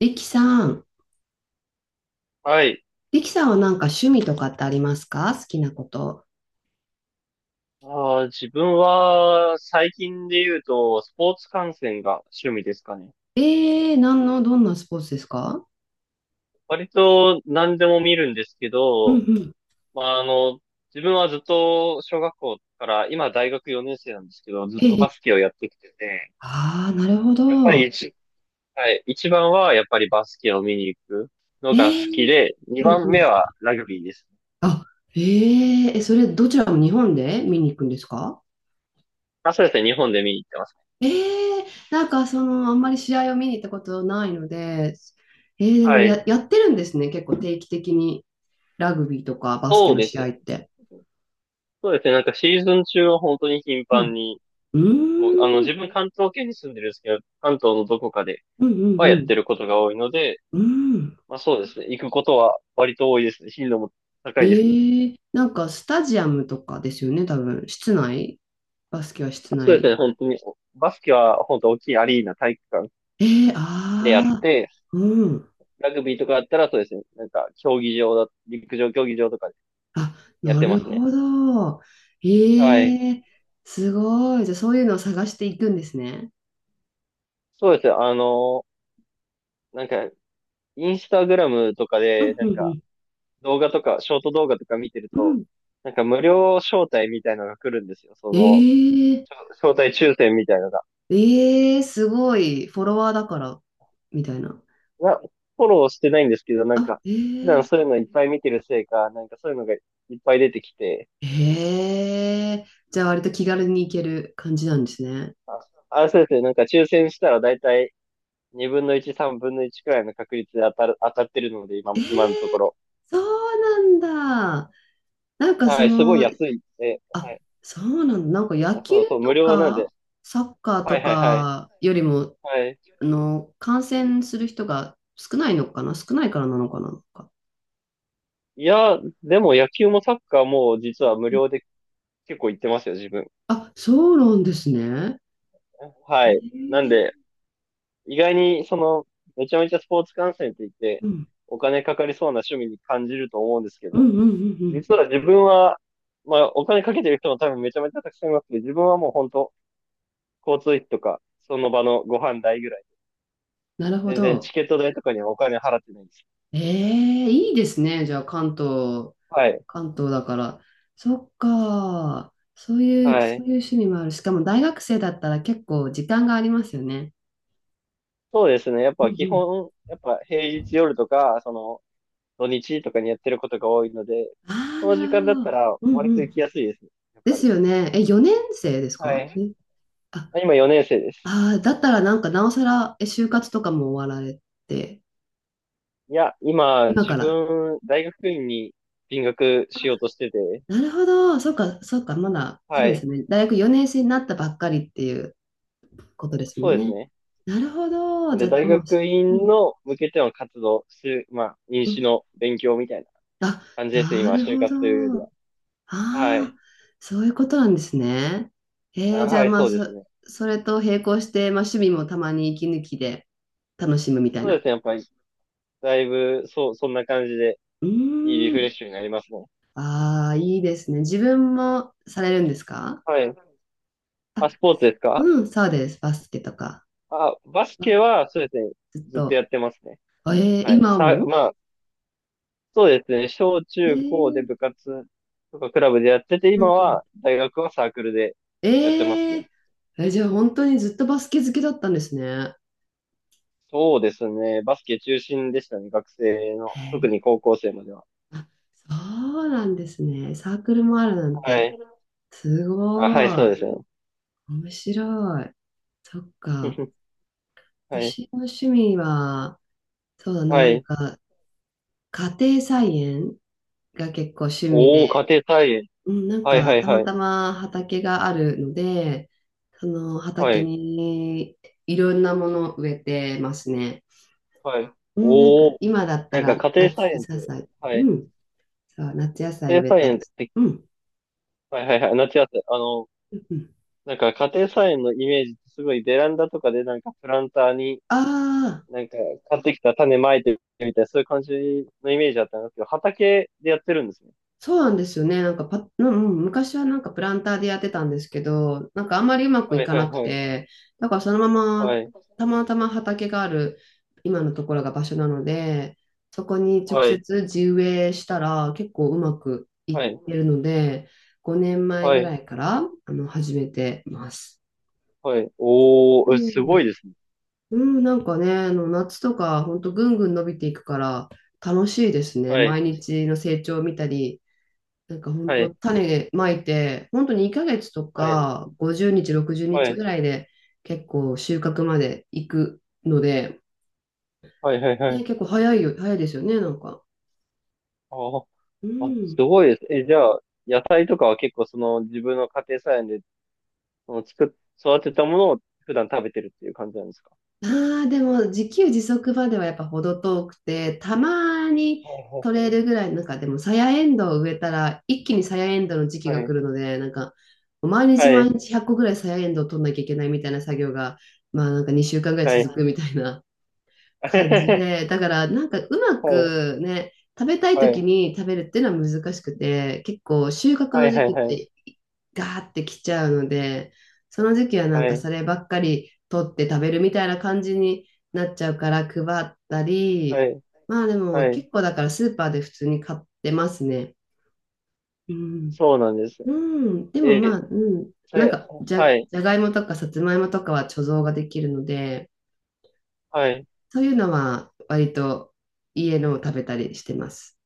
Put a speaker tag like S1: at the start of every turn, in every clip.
S1: リキさん。
S2: はい。
S1: リキさんはなんか趣味とかってありますか？好きなこと。
S2: 自分は最近で言うとスポーツ観戦が趣味ですかね。
S1: ええー、どんなスポーツですか？
S2: 割と何でも見るんですけ
S1: うんう
S2: ど、
S1: ん。
S2: まあ、自分はずっと小学校から今大学4年生なんですけど、ずっと
S1: え
S2: バ
S1: え、
S2: スケをやってきてて、
S1: ああー、なるほ
S2: やっぱり
S1: ど。
S2: はい、一番はやっぱりバスケを見に行くの
S1: え
S2: が好き
S1: ー、
S2: で、二
S1: うん
S2: 番
S1: うん。
S2: 目はラグビーですね。
S1: あ、えええそれどちらも日本で見に行くんですか？
S2: あ、そうですね。日本で見に行ってます。
S1: えー、なんかその、あんまり試合を見に行ったことないので、で
S2: は
S1: も、
S2: い。
S1: やってるんですね。結構定期的にラグビーとかバスケ
S2: そう
S1: の
S2: で
S1: 試
S2: す
S1: 合
S2: ね。
S1: って。
S2: そうですね。なんかシーズン中は本当に頻
S1: う
S2: 繁
S1: ん。
S2: に
S1: う
S2: もう、
S1: ーん、
S2: 自分関東圏に住んでるんですけど、関東のどこかで
S1: うんうん
S2: はや
S1: う
S2: っ
S1: ん。
S2: てることが多いので、
S1: うん。
S2: まあそうですね。行くことは割と多いですね。頻度も高いですね。
S1: ええ、なんかスタジアムとかですよね、多分。室内バスケは室
S2: そうですね。
S1: 内。
S2: 本当に、バスケは本当大きいアリーナ体育館
S1: ええ、
S2: でやっ
S1: ああ、
S2: て、
S1: うん。
S2: ラグビーとかだったらそうですね。なんか、競技場だ、陸上競技場とかで
S1: あ、
S2: やっ
S1: な
S2: てま
S1: る
S2: すね。
S1: ほど。
S2: はい。
S1: ええ、すごい。じゃあそういうのを探していくんですね。
S2: そうですね。なんか、インスタグラムとか
S1: う
S2: で、
S1: ん
S2: な
S1: う
S2: んか、
S1: ん
S2: 動画とか、ショート動画とか見てる
S1: うん。う
S2: と、
S1: ん。
S2: なんか無料招待みたいなのが来るんですよ。
S1: ええ、
S2: 招待抽選みたいなのが、
S1: ええ、すごい。フォロワーだから、みたいな。
S2: な、フォローしてないんですけど、なんか、
S1: あ、
S2: 普段
S1: ええ、
S2: そういうのいっぱい見てるせいか、なんかそういうのがいっぱい出てきて、
S1: ええ、じゃあ割と気軽に行ける感じなんですね。
S2: あ、そうですね、なんか抽選したらだいたい2分の1、3分の1くらいの確率で当たってるので、今、
S1: え
S2: 今のとこ
S1: え、
S2: ろ。
S1: そうなんだ。なんか
S2: は
S1: そ
S2: い、すごい
S1: の、
S2: 安い。は
S1: あ、
S2: い。
S1: そうなんだ。なんか野
S2: あ、
S1: 球
S2: そうそう、無
S1: と
S2: 料なんで。
S1: かサッカー
S2: は
S1: と
S2: いはいはい。
S1: かよりも、
S2: はい。
S1: 感染する人が少ないのかな、少ないからなのかな、なんか。
S2: いや、でも野球もサッカーも実は無料で結構行ってますよ、自分。
S1: あ、そうなんですね。え
S2: はい。なん
S1: ー、
S2: で、意外に、めちゃめちゃスポーツ観戦って言って、
S1: うん、
S2: お金かかりそうな趣味に感じると思うんですけ
S1: うん、う
S2: ど、
S1: ん、うん。うん、
S2: 実は自分は、まあ、お金かけてる人も多分めちゃめちゃたくさんいますけど、自分はもう本当、交通費とか、その場のご飯代ぐらい、
S1: なるほ
S2: 全然チ
S1: ど。
S2: ケット代とかにはお金払ってないんです。
S1: ええ、いいですね。じゃあ、関東、
S2: はい。
S1: 関東だから。そっか。そういう、
S2: は
S1: そ
S2: い。
S1: ういう趣味もある。しかも大学生だったら結構時間がありますよね。
S2: そうですね。やっ
S1: うん、
S2: ぱ
S1: う
S2: 基
S1: ん。
S2: 本、やっぱ平日夜とか、土日とかにやってることが多いので、
S1: あ
S2: そ
S1: あ、
S2: の
S1: な
S2: 時
S1: るほ
S2: 間だった
S1: ど。
S2: ら
S1: うん
S2: 割
S1: う
S2: と行
S1: ん。
S2: きやすいですね。やっ
S1: で
S2: ぱ
S1: す
S2: り。
S1: よね。え、4年生です
S2: は
S1: か
S2: い。
S1: ね。あ、
S2: あ、今4年生です。
S1: あー、だったらなんかなおさら、え、就活とかも終わられて、
S2: いや、今、
S1: 今
S2: 自
S1: から。
S2: 分、大学院に進学しようとしてて、
S1: なるほど。そうか、そうか、まだ、そう
S2: は
S1: です
S2: い。
S1: ね。大学4年生になったばっかりっていうことですも
S2: そ
S1: ん
S2: うです
S1: ね。
S2: ね。
S1: なるほど。
S2: なん
S1: じ
S2: で、
S1: ゃ、
S2: 大
S1: もう、
S2: 学
S1: う
S2: 院
S1: ん、
S2: の向けての活動、しまあ、入
S1: う
S2: 試
S1: ん。
S2: の勉強みたいな
S1: あ、
S2: 感じですね、
S1: な
S2: 今、
S1: る
S2: 就
S1: ほど。
S2: 活というよりは。は
S1: ああ、
S2: い。
S1: そういうことなんですね。
S2: あ、
S1: じゃあ、
S2: はい、
S1: まあ、
S2: そうです
S1: そ、
S2: ね。
S1: それと並行して、まあ、趣味もたまに息抜きで楽しむみたい
S2: そうで
S1: な。
S2: すね、やっぱり、だいぶ、そう、そんな感じで、
S1: う
S2: いいリ
S1: ー
S2: フレッ
S1: ん。
S2: シュになりますね。
S1: ああ、いいですね。自分もされるんですか？
S2: はい。
S1: あ、
S2: あ、スポーツですか？
S1: うん、そうです。バスケとか
S2: あ、バスケ
S1: は。
S2: は、そうですね、
S1: ずっ
S2: ずっとや
S1: と。
S2: ってますね。
S1: あ、えー、
S2: はい。
S1: 今も。
S2: まあ、そうですね。小
S1: え
S2: 中高で
S1: ー、
S2: 部活とかクラブでやってて、
S1: う
S2: 今
S1: んうん、
S2: は大学はサークルでやってます
S1: えー、
S2: ね。
S1: え、じゃあ本当にずっとバスケ好きだったんですね。
S2: そうですね。バスケ中心でしたね。学生の。
S1: へ
S2: 特
S1: え。
S2: に高校生までは。
S1: あ、そうなんですね。サークルもあるなん
S2: は
S1: て。
S2: い。
S1: す
S2: あ、はい、
S1: ご
S2: そ
S1: い。
S2: うですね。
S1: 面白い。そっか。
S2: はい。
S1: 私の趣味は、そうだな、
S2: は
S1: なん
S2: い。
S1: か、家庭菜園が結構趣味。
S2: おー、家庭菜園。
S1: うん、なん
S2: はいは
S1: か、
S2: い
S1: た
S2: は
S1: ま
S2: い。
S1: たま畑があるので、その
S2: は
S1: 畑
S2: い。
S1: にいろんなものを植えてますね。
S2: はい。
S1: うん、なんか、
S2: おー、
S1: 今だった
S2: なんか
S1: ら
S2: 家庭
S1: 夏
S2: 菜園って、
S1: 野菜、
S2: はい。
S1: うん、そう、夏野菜
S2: 家庭
S1: 植え
S2: 菜
S1: た
S2: 園
S1: り
S2: っ
S1: して。
S2: て、
S1: うん、
S2: はいはいはい。夏野菜。
S1: うん。
S2: なんか家庭菜園のイメージってすごいベランダとかでなんかプランターに。
S1: ああー、そうなんですよね。なんかうんうん、昔はなんかプランターでやってたんですけど、なんかあんまりうまくいかなくて、だからそのまま、たまたま畑がある今のところが場所なので、そこに直接地植えしたら結構うまくいってるので、5年前ぐらいから始めてます。うん、うん、なんかね、夏とか本当ぐんぐん伸びていくから楽しいですね。毎日の成長を見たり、なんか本当種まいて、本当に2ヶ月とか50日、60日ぐらいで結構収穫まで行くので、ね、結構早いよ、早いですよね、なんか。うん。ああ、でも自給自足まではやっぱ程遠くて、たまに取れるぐらい、なんかでもさやエンドウを植えたら一気にさやエンドウの時期が来るので、なんか毎日毎日100個ぐらいさやエンドウを取んなきゃいけないみたいな作業が、まあなんか2週間ぐらい続くみたいな感じで、だからなんかうまくね、食べたい時に食べるっていうのは難しくて、結構収穫の時期ってガーってきちゃうので、その時期はなんかそればっかり取って食べるみたいな感じになっちゃうから配ったり、まあでも結構だからスーパーで普通に買ってますね。うん。
S2: そうなんです。
S1: うん。でもま
S2: え、
S1: あ、うん。
S2: さ
S1: なん
S2: い、
S1: かじゃ、
S2: はい、
S1: じゃがいもとかさつまいもとかは貯蔵ができるので、
S2: はい。
S1: そういうのは割と家のを食べたりしてます。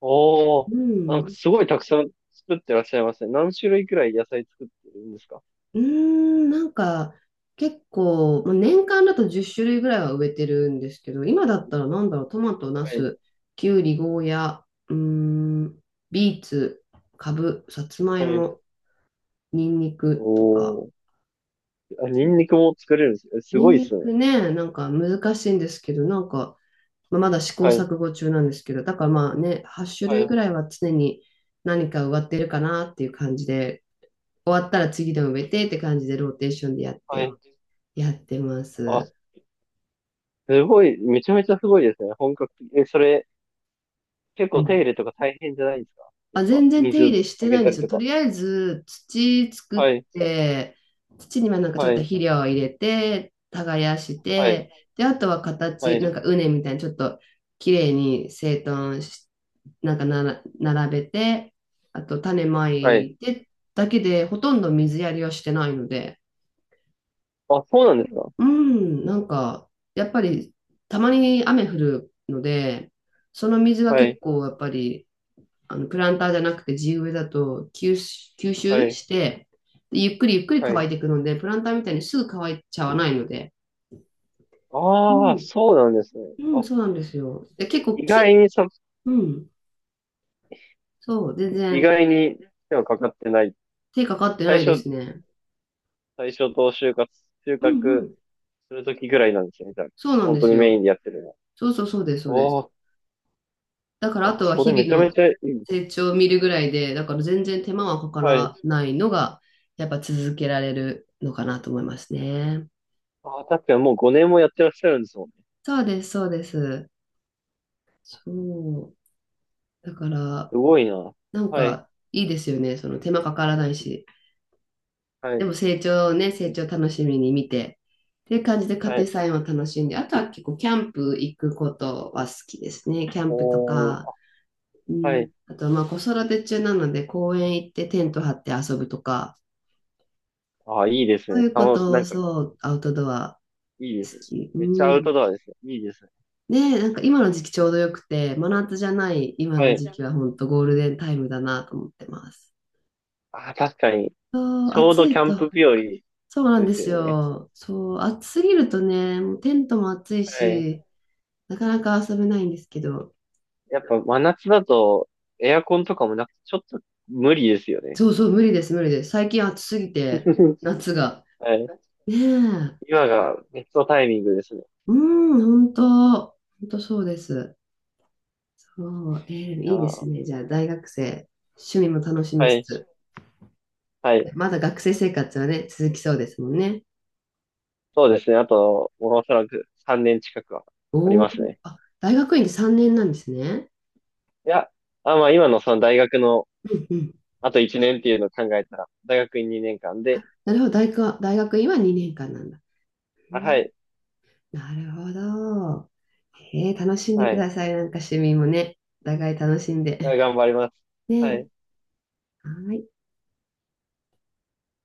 S2: おー、
S1: う
S2: なんか
S1: ん。
S2: すごいたくさん作ってらっしゃいますね。何種類くらい野菜作ってるんですか？
S1: うーん、なんか結構、まあ年間だと10種類ぐらいは植えてるんですけど、今だったらなんだろう、トマト、ナ
S2: はい、
S1: ス、キュウリ、ゴーヤ、うーん、ビーツ、カブ、サツマイ
S2: はい。
S1: モ、ニンニクとか。
S2: おー、あ、ニンニクも作れるんですね。す
S1: ニ
S2: ご
S1: ン
S2: いっす
S1: ニ
S2: ね。
S1: クね、なんか難しいんですけど、なんか、まあ、まだ試行
S2: はい、
S1: 錯誤中なんですけど、だからまあね、8種
S2: は
S1: 類
S2: い、
S1: ぐらいは常に何か植わってるかなっていう感じで、終わったら次の植えてって感じでローテーションでやっ
S2: はい。
S1: て、やってま
S2: あ、
S1: す。
S2: すごい、めちゃめちゃすごいですね。本格的。え、それ、結
S1: う
S2: 構手
S1: ん。
S2: 入れとか大変じゃないですか？やっ
S1: あ、
S2: ぱ、
S1: 全然手入
S2: 水
S1: れし
S2: あ
S1: てな
S2: げ
S1: いん
S2: た
S1: で
S2: り
S1: すよ。
S2: と
S1: と
S2: か。
S1: りあえず土
S2: は
S1: 作
S2: い、
S1: って、土にはなんかちょっ
S2: は
S1: と
S2: い、
S1: 肥料を入れて、耕し
S2: はい、
S1: て、で、あとは
S2: はい、
S1: なんか畝みたいにちょっと綺麗に整頓し、なんかなら並べて、あと種ま
S2: はい。
S1: いてだけで、ほとんど水やりはしてないので、
S2: あ、そうなんですか？
S1: うん、なんか、やっぱり、たまに雨降るので、その水が
S2: は
S1: 結
S2: い、
S1: 構、やっぱり、プランターじゃなくて地植えだと吸収、吸
S2: は
S1: 収
S2: い、
S1: して、でゆっくりゆっくり
S2: は
S1: 乾
S2: い。
S1: いていくので、プランターみたいにすぐ乾いちゃわないので、う
S2: ああ、
S1: ん、
S2: そうなんですね。
S1: うん、
S2: あ、
S1: そうなんですよ。で、結
S2: い
S1: 構
S2: 意
S1: 木、
S2: 外にそ、
S1: うん、そう、全
S2: 意
S1: 然
S2: 外に手はかかってない。
S1: 手かかってな
S2: 最
S1: いで
S2: 初、
S1: すね。
S2: 最初と収穫、収
S1: うん、う
S2: 穫
S1: ん、
S2: するときぐらいなんですよね、みたいな。
S1: そうなん
S2: 本
S1: で
S2: 当
S1: す
S2: にメイン
S1: よ。
S2: でやってるのは。
S1: そうそう、そうです、そうで
S2: お
S1: す。
S2: ー
S1: だからあ
S2: あ、
S1: とは
S2: それめ
S1: 日
S2: ちゃ
S1: 々
S2: め
S1: の
S2: ちゃいいです。
S1: 成長を見るぐらいで、だから全然手間はかか
S2: はい。
S1: らないのが、やっぱ続けられるのかなと思いますね。
S2: あ、確かにもう5年もやってらっしゃるんですもんね。
S1: そうです、そうです。そう。だから、
S2: すごいな。
S1: なん
S2: はい、
S1: かいいですよね。その手間かからないし。
S2: は
S1: で
S2: い、
S1: も成長をね、成長を楽しみに見て、っていう感じで家
S2: は
S1: 庭
S2: い。
S1: 菜園を楽しんで、あとは結構キャンプ行くことは好きですね。キャンプと
S2: お
S1: か、
S2: ー、
S1: う
S2: は
S1: ん、
S2: い。
S1: あとはまあ子育て中なので公園行ってテント張って遊ぶとか、
S2: あ、いいです
S1: そう
S2: ね。
S1: いうこ
S2: な
S1: と、
S2: んか、い
S1: そう、アウトドア
S2: いで
S1: 好
S2: すね。
S1: き。う
S2: めっちゃアウ
S1: ん。
S2: トドアですよ。いいですね。
S1: ね、なんか今の時期ちょうどよくて、真夏じゃない今
S2: は
S1: の
S2: い。
S1: 時期は本当ゴールデンタイムだなと思ってます。
S2: あ、確かに。
S1: そう、
S2: ちょう
S1: 暑
S2: どキ
S1: い
S2: ャンプ
S1: と。
S2: 日和で
S1: そうなんで
S2: す
S1: す
S2: よね。
S1: よ。そう、暑すぎるとね、もうテントも暑い
S2: はい。
S1: し、なかなか遊べないんですけど。
S2: やっぱ真夏だとエアコンとかもなくてちょっと無理ですよね。
S1: そうそう、無理です、無理です。最近暑すぎて、夏が。
S2: はい。
S1: ねえ。
S2: 今がベストタイミングですね。
S1: うん、本当、本当そうです。そう、
S2: いや
S1: いいです
S2: ー、
S1: ね。じゃあ、大学生、趣味も楽しみ
S2: は
S1: つ
S2: い。
S1: つ。
S2: はい。
S1: まだ学生生活はね、続きそうですもんね。
S2: そうですね。あと、もうおそらく3年近くはあり
S1: おお、
S2: ますね。
S1: あ、大学院で3年なんですね。
S2: いや、あ、まあ今のその大学の
S1: うんうん。
S2: あと1年っていうのを考えたら、大学院2年間
S1: あ、
S2: で、
S1: なるほど、大学、大学院は2年間なんだ。う
S2: あ、は
S1: ん、
S2: い。
S1: なるほど。へえ、楽しんで
S2: は
S1: く
S2: い。
S1: ださい。なんか趣味もね、お互い楽しんで。
S2: いや 頑張ります。は
S1: ね、
S2: い。
S1: はい。